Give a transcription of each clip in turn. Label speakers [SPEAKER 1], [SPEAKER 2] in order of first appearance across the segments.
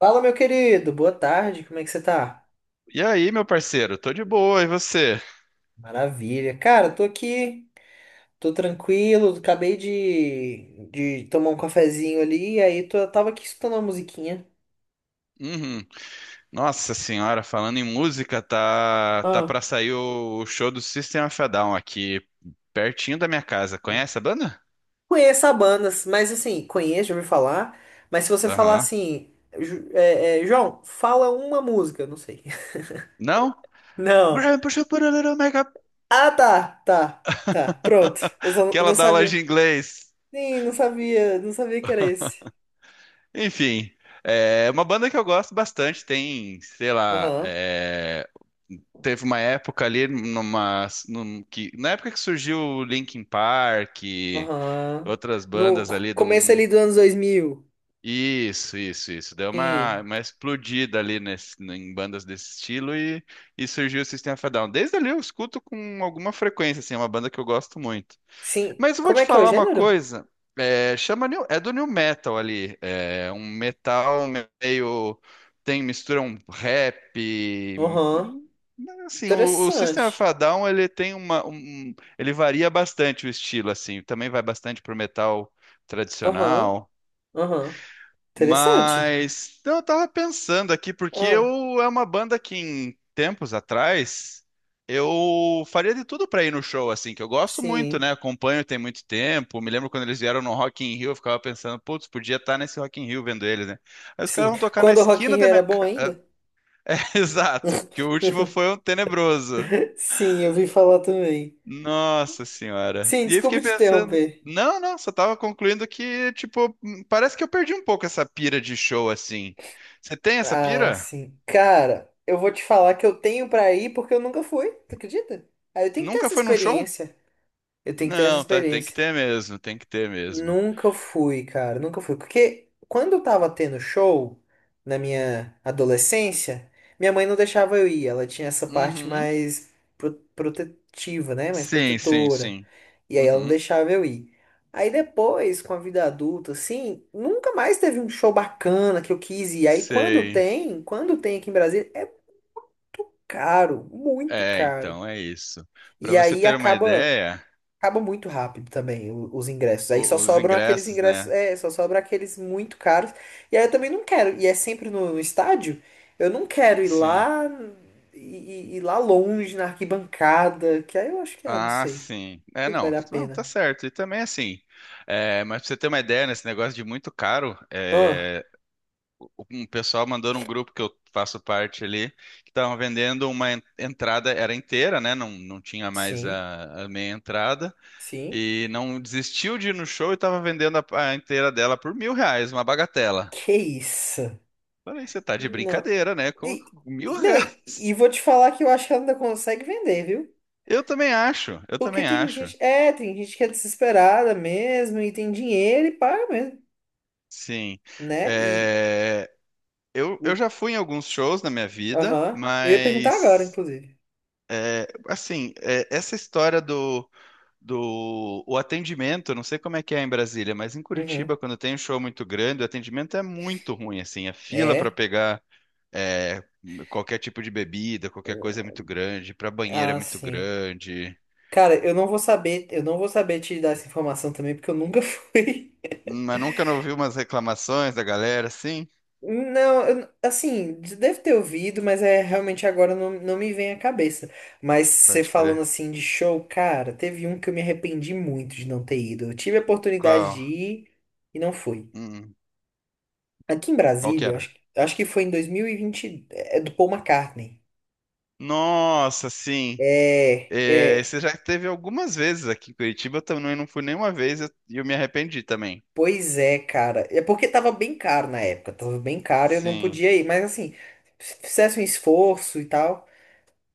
[SPEAKER 1] Fala, meu querido, boa tarde, como é que você tá?
[SPEAKER 2] E aí, meu parceiro? Tô de boa, e você?
[SPEAKER 1] Maravilha. Cara, tô aqui, tô tranquilo, acabei de tomar um cafezinho ali, aí tava aqui escutando uma musiquinha.
[SPEAKER 2] Uhum. Nossa senhora, falando em música, tá
[SPEAKER 1] Ah.
[SPEAKER 2] para sair o show do System of a Down aqui pertinho da minha casa. Conhece a banda?
[SPEAKER 1] Conheço a banda, mas assim, conheço, já ouvi falar, mas se você falar
[SPEAKER 2] Aham.
[SPEAKER 1] assim, João, fala uma música, eu não sei.
[SPEAKER 2] Não?
[SPEAKER 1] Não.
[SPEAKER 2] Grandpa should put a little makeup.
[SPEAKER 1] Ah, tá, tá, tá, pronto. Eu só não
[SPEAKER 2] Que ela
[SPEAKER 1] não
[SPEAKER 2] dá aula de
[SPEAKER 1] sabia.
[SPEAKER 2] inglês.
[SPEAKER 1] Sim, não sabia, não sabia que era esse.
[SPEAKER 2] Enfim, é uma banda que eu gosto bastante. Tem, sei lá,
[SPEAKER 1] Aham.
[SPEAKER 2] teve uma época ali na época que surgiu o Linkin Park,
[SPEAKER 1] Aham.
[SPEAKER 2] outras
[SPEAKER 1] No
[SPEAKER 2] bandas ali de
[SPEAKER 1] começo
[SPEAKER 2] um.
[SPEAKER 1] ali dos anos 2000.
[SPEAKER 2] Isso, isso, isso. Deu uma,
[SPEAKER 1] Sim.
[SPEAKER 2] uma explodida ali em bandas desse estilo e surgiu o System of a Down. Desde ali eu escuto com alguma frequência, assim, é uma banda que eu gosto muito.
[SPEAKER 1] Sim.
[SPEAKER 2] Mas eu vou
[SPEAKER 1] Como
[SPEAKER 2] te
[SPEAKER 1] é que é o
[SPEAKER 2] falar uma
[SPEAKER 1] gênero?
[SPEAKER 2] coisa, é do new metal ali, é um metal meio, mistura um rap,
[SPEAKER 1] Aham.
[SPEAKER 2] hum, assim, o System of
[SPEAKER 1] Interessante.
[SPEAKER 2] a Down, ele tem ele varia bastante o estilo, assim, também vai bastante pro metal
[SPEAKER 1] Aham.
[SPEAKER 2] tradicional.
[SPEAKER 1] Aham. Interessante.
[SPEAKER 2] Mas então, eu tava pensando aqui, porque
[SPEAKER 1] Ah,
[SPEAKER 2] eu é uma banda que em tempos atrás eu faria de tudo pra ir no show, assim, que eu gosto muito,
[SPEAKER 1] sim.
[SPEAKER 2] né? Acompanho tem muito tempo. Me lembro quando eles vieram no Rock in Rio, eu ficava pensando, putz, podia estar nesse Rock in Rio vendo eles, né? Aí os caras
[SPEAKER 1] Sim.
[SPEAKER 2] vão tocar na
[SPEAKER 1] Quando o Rock in
[SPEAKER 2] esquina
[SPEAKER 1] Rio
[SPEAKER 2] da
[SPEAKER 1] era
[SPEAKER 2] minha
[SPEAKER 1] bom
[SPEAKER 2] casa.
[SPEAKER 1] ainda?
[SPEAKER 2] Exato, porque o último foi um tenebroso.
[SPEAKER 1] Sim, eu vi falar também.
[SPEAKER 2] Nossa senhora.
[SPEAKER 1] Sim,
[SPEAKER 2] E aí
[SPEAKER 1] desculpa
[SPEAKER 2] fiquei
[SPEAKER 1] te
[SPEAKER 2] pensando,
[SPEAKER 1] interromper.
[SPEAKER 2] não, não, só tava concluindo que, tipo, parece que eu perdi um pouco essa pira de show assim. Você tem essa
[SPEAKER 1] Ah,
[SPEAKER 2] pira?
[SPEAKER 1] sim. Cara, eu vou te falar que eu tenho pra ir porque eu nunca fui, tu acredita? Aí eu tenho que ter
[SPEAKER 2] Nunca
[SPEAKER 1] essa
[SPEAKER 2] foi num show?
[SPEAKER 1] experiência. Eu tenho que ter essa
[SPEAKER 2] Não, tá, tem que
[SPEAKER 1] experiência.
[SPEAKER 2] ter mesmo, tem que ter mesmo.
[SPEAKER 1] Nunca fui, cara, nunca fui. Porque quando eu tava tendo show na minha adolescência, minha mãe não deixava eu ir. Ela tinha essa parte
[SPEAKER 2] Uhum.
[SPEAKER 1] mais protetiva, né? Mais
[SPEAKER 2] Sim, sim,
[SPEAKER 1] protetora.
[SPEAKER 2] sim.
[SPEAKER 1] E aí ela não
[SPEAKER 2] Uhum.
[SPEAKER 1] deixava eu ir. Aí depois, com a vida adulta, assim, nunca mais teve um show bacana que eu quis ir. Aí quando
[SPEAKER 2] Sei.
[SPEAKER 1] tem, quando tem aqui em Brasília, é caro, muito
[SPEAKER 2] É,
[SPEAKER 1] caro.
[SPEAKER 2] então é isso. Pra
[SPEAKER 1] E
[SPEAKER 2] você
[SPEAKER 1] aí
[SPEAKER 2] ter uma
[SPEAKER 1] acaba.
[SPEAKER 2] ideia,
[SPEAKER 1] Acaba muito rápido também os ingressos. Aí
[SPEAKER 2] o-
[SPEAKER 1] só
[SPEAKER 2] os
[SPEAKER 1] sobram aqueles
[SPEAKER 2] ingressos,
[SPEAKER 1] ingressos,
[SPEAKER 2] né?
[SPEAKER 1] só sobram aqueles muito caros. E aí eu também não quero. E é sempre no estádio. Eu não quero ir
[SPEAKER 2] Sim.
[SPEAKER 1] lá e ir lá longe na arquibancada, que aí eu acho que, ah, não
[SPEAKER 2] Ah,
[SPEAKER 1] sei,
[SPEAKER 2] sim. É,
[SPEAKER 1] se
[SPEAKER 2] não.
[SPEAKER 1] vale a
[SPEAKER 2] Não, tá
[SPEAKER 1] pena.
[SPEAKER 2] certo. E também assim, mas pra você ter uma ideia, nesse negócio de muito caro,
[SPEAKER 1] Ah,
[SPEAKER 2] um pessoal mandou num grupo que eu faço parte ali, que estavam vendendo uma entrada, era inteira, né? Não, não tinha mais
[SPEAKER 1] sim,
[SPEAKER 2] a meia entrada,
[SPEAKER 1] sim.
[SPEAKER 2] e não desistiu de ir no show e tava vendendo a inteira dela por 1.000 reais, uma bagatela.
[SPEAKER 1] Que isso?
[SPEAKER 2] Falei, você tá de
[SPEAKER 1] Não.
[SPEAKER 2] brincadeira, né? Com,
[SPEAKER 1] E,
[SPEAKER 2] com mil
[SPEAKER 1] não, e
[SPEAKER 2] reais.
[SPEAKER 1] vou te falar que eu acho que ela ainda consegue vender, viu?
[SPEAKER 2] Eu também acho, eu
[SPEAKER 1] Porque
[SPEAKER 2] também
[SPEAKER 1] tem
[SPEAKER 2] acho.
[SPEAKER 1] gente, tem gente que é desesperada mesmo e tem dinheiro e paga mesmo,
[SPEAKER 2] Sim.
[SPEAKER 1] né?
[SPEAKER 2] É, eu já fui em alguns shows na minha vida,
[SPEAKER 1] Aham. Eu ia perguntar agora,
[SPEAKER 2] mas
[SPEAKER 1] inclusive.
[SPEAKER 2] assim, essa história do, do o atendimento, eu não sei como é que é em Brasília, mas em
[SPEAKER 1] Uhum.
[SPEAKER 2] Curitiba, quando tem um show muito grande, o atendimento é muito ruim, assim, a fila para
[SPEAKER 1] É.
[SPEAKER 2] pegar é, qualquer tipo de bebida, qualquer coisa é muito grande, para banheiro é
[SPEAKER 1] Ah,
[SPEAKER 2] muito
[SPEAKER 1] sim.
[SPEAKER 2] grande.
[SPEAKER 1] Cara, eu não vou saber te dar essa informação também, porque eu nunca fui.
[SPEAKER 2] Mas nunca não ouvi umas reclamações da galera, assim?
[SPEAKER 1] Não, assim, deve ter ouvido, mas é realmente agora não, não me vem à cabeça. Mas você
[SPEAKER 2] Pode
[SPEAKER 1] falando
[SPEAKER 2] crer.
[SPEAKER 1] assim de show, cara, teve um que eu me arrependi muito de não ter ido. Eu tive a oportunidade de
[SPEAKER 2] Qual?
[SPEAKER 1] ir e não fui.
[SPEAKER 2] Hum,
[SPEAKER 1] Aqui em
[SPEAKER 2] qual que
[SPEAKER 1] Brasília, acho,
[SPEAKER 2] era?
[SPEAKER 1] acho que foi em 2020, é do Paul McCartney.
[SPEAKER 2] Nossa, sim.
[SPEAKER 1] É,
[SPEAKER 2] É,
[SPEAKER 1] é,
[SPEAKER 2] você já teve algumas vezes aqui em Curitiba, eu também não fui nenhuma vez e eu me arrependi também.
[SPEAKER 1] Pois é, cara. É porque tava bem caro na época, tava bem caro, eu não
[SPEAKER 2] Sim,
[SPEAKER 1] podia ir, mas assim, se fizesse um esforço e tal,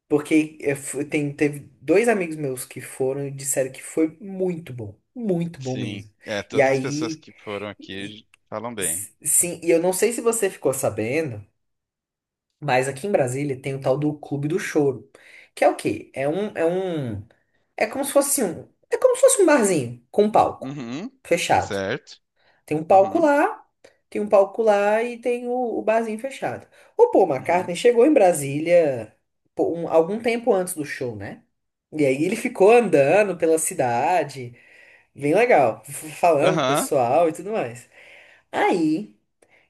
[SPEAKER 1] porque teve dois amigos meus que foram e disseram que foi muito bom
[SPEAKER 2] sim.
[SPEAKER 1] mesmo.
[SPEAKER 2] É,
[SPEAKER 1] E
[SPEAKER 2] todas as pessoas
[SPEAKER 1] aí,
[SPEAKER 2] que foram
[SPEAKER 1] e-
[SPEAKER 2] aqui falam bem.
[SPEAKER 1] sim, e eu não sei se você ficou sabendo, mas aqui em Brasília tem o tal do Clube do Choro, que é o quê? É como se fosse um, é como se fosse um barzinho com um palco
[SPEAKER 2] Uhum,
[SPEAKER 1] fechado.
[SPEAKER 2] certo.
[SPEAKER 1] Tem um palco
[SPEAKER 2] Uhum,
[SPEAKER 1] lá. Tem um palco lá e tem o barzinho fechado. O Paul
[SPEAKER 2] uhum.
[SPEAKER 1] McCartney chegou em Brasília, pô, algum tempo antes do show, né? E aí ele ficou andando pela cidade, bem legal, falando com o
[SPEAKER 2] Aham.
[SPEAKER 1] pessoal e tudo mais. Aí,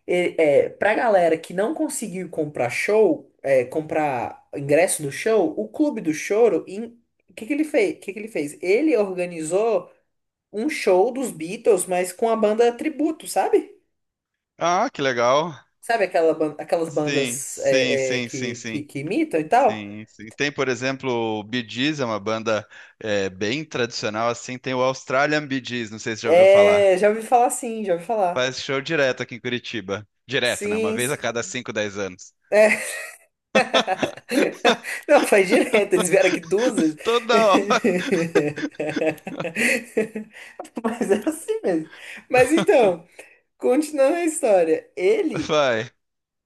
[SPEAKER 1] pra galera que não conseguiu comprar show, comprar ingresso do show, o Clube do Choro, o que que ele fez? O que que ele fez? Ele organizou um show dos Beatles, mas com a banda tributo, sabe?
[SPEAKER 2] Ah, que legal.
[SPEAKER 1] Sabe aquelas
[SPEAKER 2] Sim,
[SPEAKER 1] bandas,
[SPEAKER 2] sim, sim, sim,
[SPEAKER 1] que, que,
[SPEAKER 2] sim.
[SPEAKER 1] que imitam e tal?
[SPEAKER 2] Sim, sim. Tem, por exemplo, o Bee Gees, é uma banda bem tradicional, assim. Tem o Australian Bee Gees, não sei se você já ouviu falar.
[SPEAKER 1] É, já ouvi falar, sim, já ouvi falar.
[SPEAKER 2] Faz show direto aqui em Curitiba. Direto, né? Uma
[SPEAKER 1] Sim,
[SPEAKER 2] vez a cada 5, 10 anos.
[SPEAKER 1] é. Não, faz direto, eles vieram aqui duas vezes.
[SPEAKER 2] Toda hora,
[SPEAKER 1] Mas é assim mesmo. Mas então, continuando a história. Ele,
[SPEAKER 2] vai.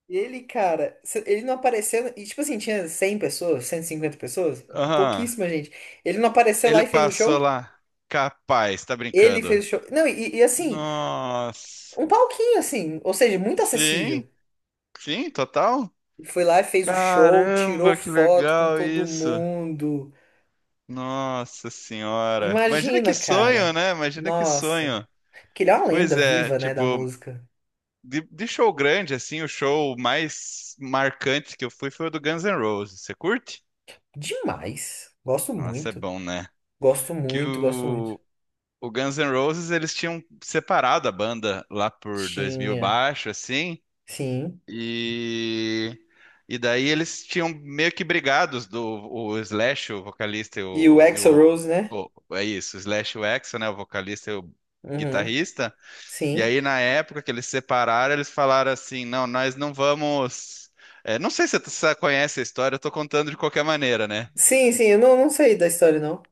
[SPEAKER 1] cara, ele não apareceu. E tipo assim, tinha 100 pessoas, 150 pessoas,
[SPEAKER 2] Aham.
[SPEAKER 1] pouquíssima gente. Ele não apareceu lá
[SPEAKER 2] Ele
[SPEAKER 1] e fez o
[SPEAKER 2] passou
[SPEAKER 1] show?
[SPEAKER 2] lá. Capaz, tá
[SPEAKER 1] Ele
[SPEAKER 2] brincando.
[SPEAKER 1] fez o show. Não, e assim.
[SPEAKER 2] Nossa.
[SPEAKER 1] Um palquinho, assim, ou seja, muito
[SPEAKER 2] Sim,
[SPEAKER 1] acessível.
[SPEAKER 2] sim, total.
[SPEAKER 1] E foi lá e fez o show, tirou
[SPEAKER 2] Caramba, que
[SPEAKER 1] foto com
[SPEAKER 2] legal
[SPEAKER 1] todo
[SPEAKER 2] isso.
[SPEAKER 1] mundo.
[SPEAKER 2] Nossa senhora. Imagina que
[SPEAKER 1] Imagina,
[SPEAKER 2] sonho,
[SPEAKER 1] cara.
[SPEAKER 2] né? Imagina que
[SPEAKER 1] Nossa.
[SPEAKER 2] sonho.
[SPEAKER 1] Porque ele é uma lenda
[SPEAKER 2] Pois é,
[SPEAKER 1] viva, né, da
[SPEAKER 2] tipo,
[SPEAKER 1] música.
[SPEAKER 2] de show grande, assim, o show mais marcante que eu fui foi o do Guns N' Roses. Você curte?
[SPEAKER 1] Demais. Gosto
[SPEAKER 2] Nossa, é
[SPEAKER 1] muito.
[SPEAKER 2] bom, né?
[SPEAKER 1] Gosto
[SPEAKER 2] Que
[SPEAKER 1] muito, gosto muito.
[SPEAKER 2] o Guns N' Roses eles tinham separado a banda lá por 2000
[SPEAKER 1] Tinha.
[SPEAKER 2] baixo, assim,
[SPEAKER 1] Sim.
[SPEAKER 2] e e daí eles tinham meio que brigados do o Slash, o vocalista
[SPEAKER 1] E o Axl Rose, né?
[SPEAKER 2] o- é isso, o Slash e o Axl, né, o vocalista e o
[SPEAKER 1] Uhum.
[SPEAKER 2] guitarrista. E
[SPEAKER 1] Sim.
[SPEAKER 2] aí na época que eles separaram, eles falaram assim, não, nós não vamos não sei se você conhece a história, eu tô contando de qualquer maneira, né?
[SPEAKER 1] Sim, sim, eu não sei da história, não.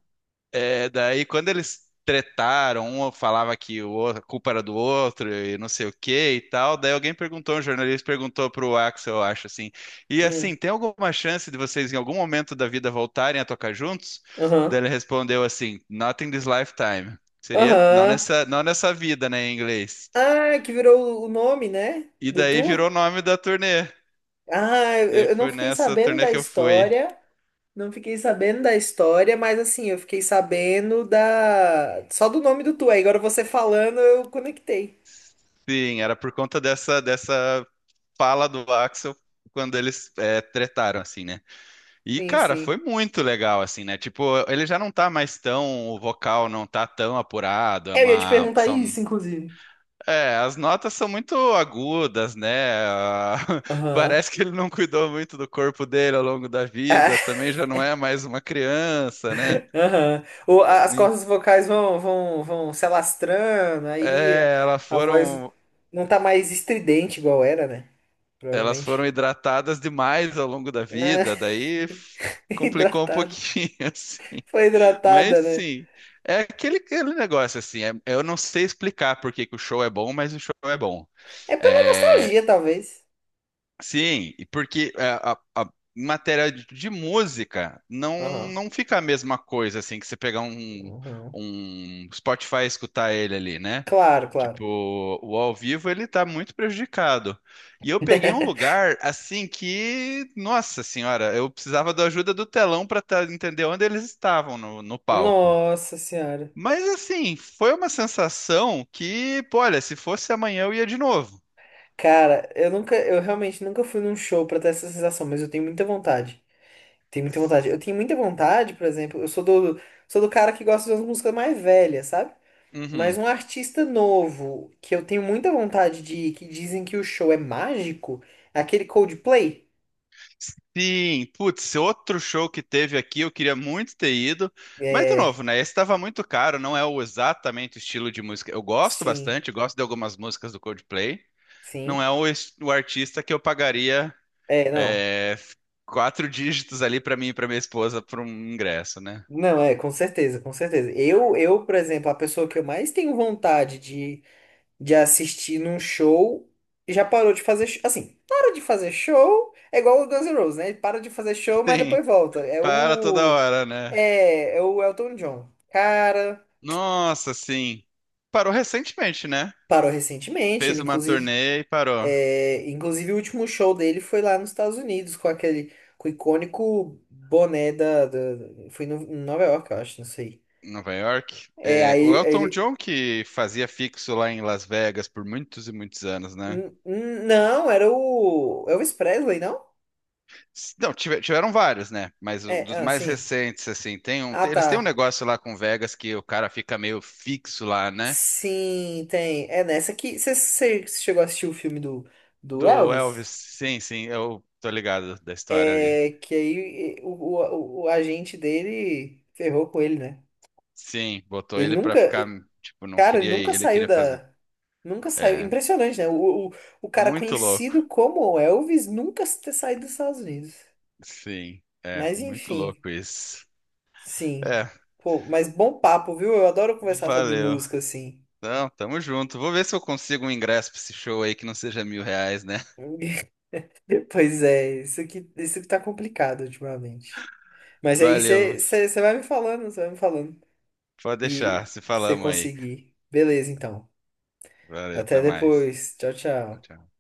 [SPEAKER 2] É, daí quando eles tretaram, um falava que a culpa era do outro e não sei o que e tal, daí alguém perguntou, um jornalista perguntou pro Axel, eu acho assim, e assim,
[SPEAKER 1] Hum.
[SPEAKER 2] tem alguma chance de vocês em algum momento da vida voltarem a tocar juntos? Daí
[SPEAKER 1] Aham.
[SPEAKER 2] ele respondeu assim, not in this lifetime. Seria não
[SPEAKER 1] Aham.
[SPEAKER 2] nessa, não nessa vida, né, em inglês.
[SPEAKER 1] Ah, que virou o nome, né?
[SPEAKER 2] E
[SPEAKER 1] Do
[SPEAKER 2] daí virou o
[SPEAKER 1] tour?
[SPEAKER 2] nome da turnê.
[SPEAKER 1] Ah,
[SPEAKER 2] Daí
[SPEAKER 1] eu não
[SPEAKER 2] foi
[SPEAKER 1] fiquei
[SPEAKER 2] nessa
[SPEAKER 1] sabendo
[SPEAKER 2] turnê
[SPEAKER 1] da
[SPEAKER 2] que eu fui.
[SPEAKER 1] história, não fiquei sabendo da história, mas assim, eu fiquei sabendo da só do nome do tu. Aí agora você falando, eu conectei.
[SPEAKER 2] Sim, era por conta dessa fala do Axel quando eles tretaram, assim, né? E,
[SPEAKER 1] Sim,
[SPEAKER 2] cara, foi
[SPEAKER 1] sim.
[SPEAKER 2] muito legal, assim, né? Tipo, ele já não tá mais tão, o vocal não tá tão apurado,
[SPEAKER 1] Eu ia te perguntar isso, inclusive.
[SPEAKER 2] as notas são muito agudas, né? Ah,
[SPEAKER 1] Aham.
[SPEAKER 2] Parece que ele não cuidou muito do corpo dele ao longo da vida, também já não é mais uma criança, né?
[SPEAKER 1] Aham. As
[SPEAKER 2] Em-
[SPEAKER 1] cordas vocais vão se alastrando, aí
[SPEAKER 2] É, elas
[SPEAKER 1] a voz
[SPEAKER 2] foram,
[SPEAKER 1] não tá mais estridente igual era, né?
[SPEAKER 2] elas foram
[SPEAKER 1] Provavelmente.
[SPEAKER 2] hidratadas demais ao longo da
[SPEAKER 1] Ah,
[SPEAKER 2] vida, daí complicou um
[SPEAKER 1] hidratada.
[SPEAKER 2] pouquinho, assim.
[SPEAKER 1] Foi
[SPEAKER 2] Mas
[SPEAKER 1] hidratada, né?
[SPEAKER 2] sim, é aquele negócio assim. Eu não sei explicar por que que o show é bom, mas o show é bom.
[SPEAKER 1] É pela
[SPEAKER 2] É,
[SPEAKER 1] nostalgia, talvez.
[SPEAKER 2] sim, e porque é, a- em matéria de música não,
[SPEAKER 1] Aham.
[SPEAKER 2] não fica a mesma coisa assim que você pegar um,
[SPEAKER 1] Uhum.
[SPEAKER 2] um Spotify e escutar ele ali, né?
[SPEAKER 1] Claro, claro.
[SPEAKER 2] Tipo, o ao vivo ele tá muito prejudicado. E eu peguei um lugar assim que, nossa senhora, eu precisava da ajuda do telão para entender onde eles estavam no palco.
[SPEAKER 1] Nossa senhora.
[SPEAKER 2] Mas assim, foi uma sensação que, pô, olha, se fosse amanhã eu ia de novo.
[SPEAKER 1] Cara, eu nunca, eu realmente nunca fui num show pra ter essa sensação, mas eu tenho muita vontade. Tenho muita vontade. Eu tenho muita vontade, por exemplo, eu sou do cara que gosta de umas músicas mais velhas, sabe? Mas
[SPEAKER 2] Uhum.
[SPEAKER 1] um artista novo que eu tenho muita vontade de ir, que dizem que o show é mágico, é aquele Coldplay.
[SPEAKER 2] Sim, putz, outro show que teve aqui, eu queria muito ter ido, mas de
[SPEAKER 1] É,
[SPEAKER 2] novo, né? Esse estava muito caro, não é o exatamente o estilo de música. Eu gosto
[SPEAKER 1] sim,
[SPEAKER 2] bastante, gosto de algumas músicas do Coldplay. Não
[SPEAKER 1] sim.
[SPEAKER 2] é o artista que eu pagaria
[SPEAKER 1] É, não.
[SPEAKER 2] é, quatro dígitos ali para mim e para minha esposa por um ingresso, né?
[SPEAKER 1] Não, é, com certeza, com certeza. Por exemplo, a pessoa que eu mais tenho vontade de assistir num show e já parou de fazer. Assim, para de fazer show é igual o Guns N' Roses, né? Ele para de fazer show, mas
[SPEAKER 2] Sim,
[SPEAKER 1] depois volta. É
[SPEAKER 2] para toda
[SPEAKER 1] o.
[SPEAKER 2] hora, né?
[SPEAKER 1] É o Elton John. Cara,
[SPEAKER 2] Nossa, sim. Parou recentemente, né?
[SPEAKER 1] parou recentemente,
[SPEAKER 2] Fez
[SPEAKER 1] ele
[SPEAKER 2] uma
[SPEAKER 1] inclusive.
[SPEAKER 2] turnê e parou.
[SPEAKER 1] É, inclusive, o último show dele foi lá nos Estados Unidos, com aquele. Com o icônico boné da. Da- foi no, em Nova York, eu acho, não sei.
[SPEAKER 2] Em Nova York.
[SPEAKER 1] É,
[SPEAKER 2] É,
[SPEAKER 1] aí
[SPEAKER 2] o Elton
[SPEAKER 1] ele.
[SPEAKER 2] John que fazia fixo lá em Las Vegas por muitos e muitos anos, né?
[SPEAKER 1] Não, era o Elvis Presley, não?
[SPEAKER 2] Não, tiveram vários, né? Mas
[SPEAKER 1] É,
[SPEAKER 2] dos
[SPEAKER 1] ah,
[SPEAKER 2] mais
[SPEAKER 1] sim.
[SPEAKER 2] recentes, assim,
[SPEAKER 1] Ah,
[SPEAKER 2] eles têm um
[SPEAKER 1] tá.
[SPEAKER 2] negócio lá com Vegas que o cara fica meio fixo lá, né?
[SPEAKER 1] Sim, tem. É nessa que. Você chegou a assistir o filme do
[SPEAKER 2] Do
[SPEAKER 1] Elvis?
[SPEAKER 2] Elvis, sim, sim, eu tô ligado da história ali.
[SPEAKER 1] É que aí o agente dele ferrou com ele, né?
[SPEAKER 2] Sim, botou
[SPEAKER 1] Ele
[SPEAKER 2] ele pra
[SPEAKER 1] nunca.
[SPEAKER 2] ficar, tipo, não
[SPEAKER 1] Cara, ele
[SPEAKER 2] queria ir,
[SPEAKER 1] nunca
[SPEAKER 2] ele
[SPEAKER 1] saiu
[SPEAKER 2] queria fazer.
[SPEAKER 1] da. Nunca saiu.
[SPEAKER 2] É,
[SPEAKER 1] Impressionante, né? O cara
[SPEAKER 2] muito louco.
[SPEAKER 1] conhecido como Elvis nunca ter saído dos Estados Unidos.
[SPEAKER 2] Sim, é
[SPEAKER 1] Mas
[SPEAKER 2] muito
[SPEAKER 1] enfim,
[SPEAKER 2] louco isso.
[SPEAKER 1] sim.
[SPEAKER 2] É,
[SPEAKER 1] Pô, mas bom papo, viu? Eu adoro conversar sobre
[SPEAKER 2] valeu.
[SPEAKER 1] música, assim.
[SPEAKER 2] Então, tamo junto. Vou ver se eu consigo um ingresso pra esse show aí que não seja 1.000 reais, né?
[SPEAKER 1] Pois é, isso que tá complicado ultimamente. Mas aí
[SPEAKER 2] Valeu.
[SPEAKER 1] você você vai me falando, você vai me falando.
[SPEAKER 2] Pode deixar.
[SPEAKER 1] E
[SPEAKER 2] Se
[SPEAKER 1] você
[SPEAKER 2] falamos aí.
[SPEAKER 1] conseguir. Beleza, então.
[SPEAKER 2] Valeu, até
[SPEAKER 1] Até
[SPEAKER 2] mais.
[SPEAKER 1] depois. Tchau,
[SPEAKER 2] Tchau,
[SPEAKER 1] tchau.
[SPEAKER 2] tchau.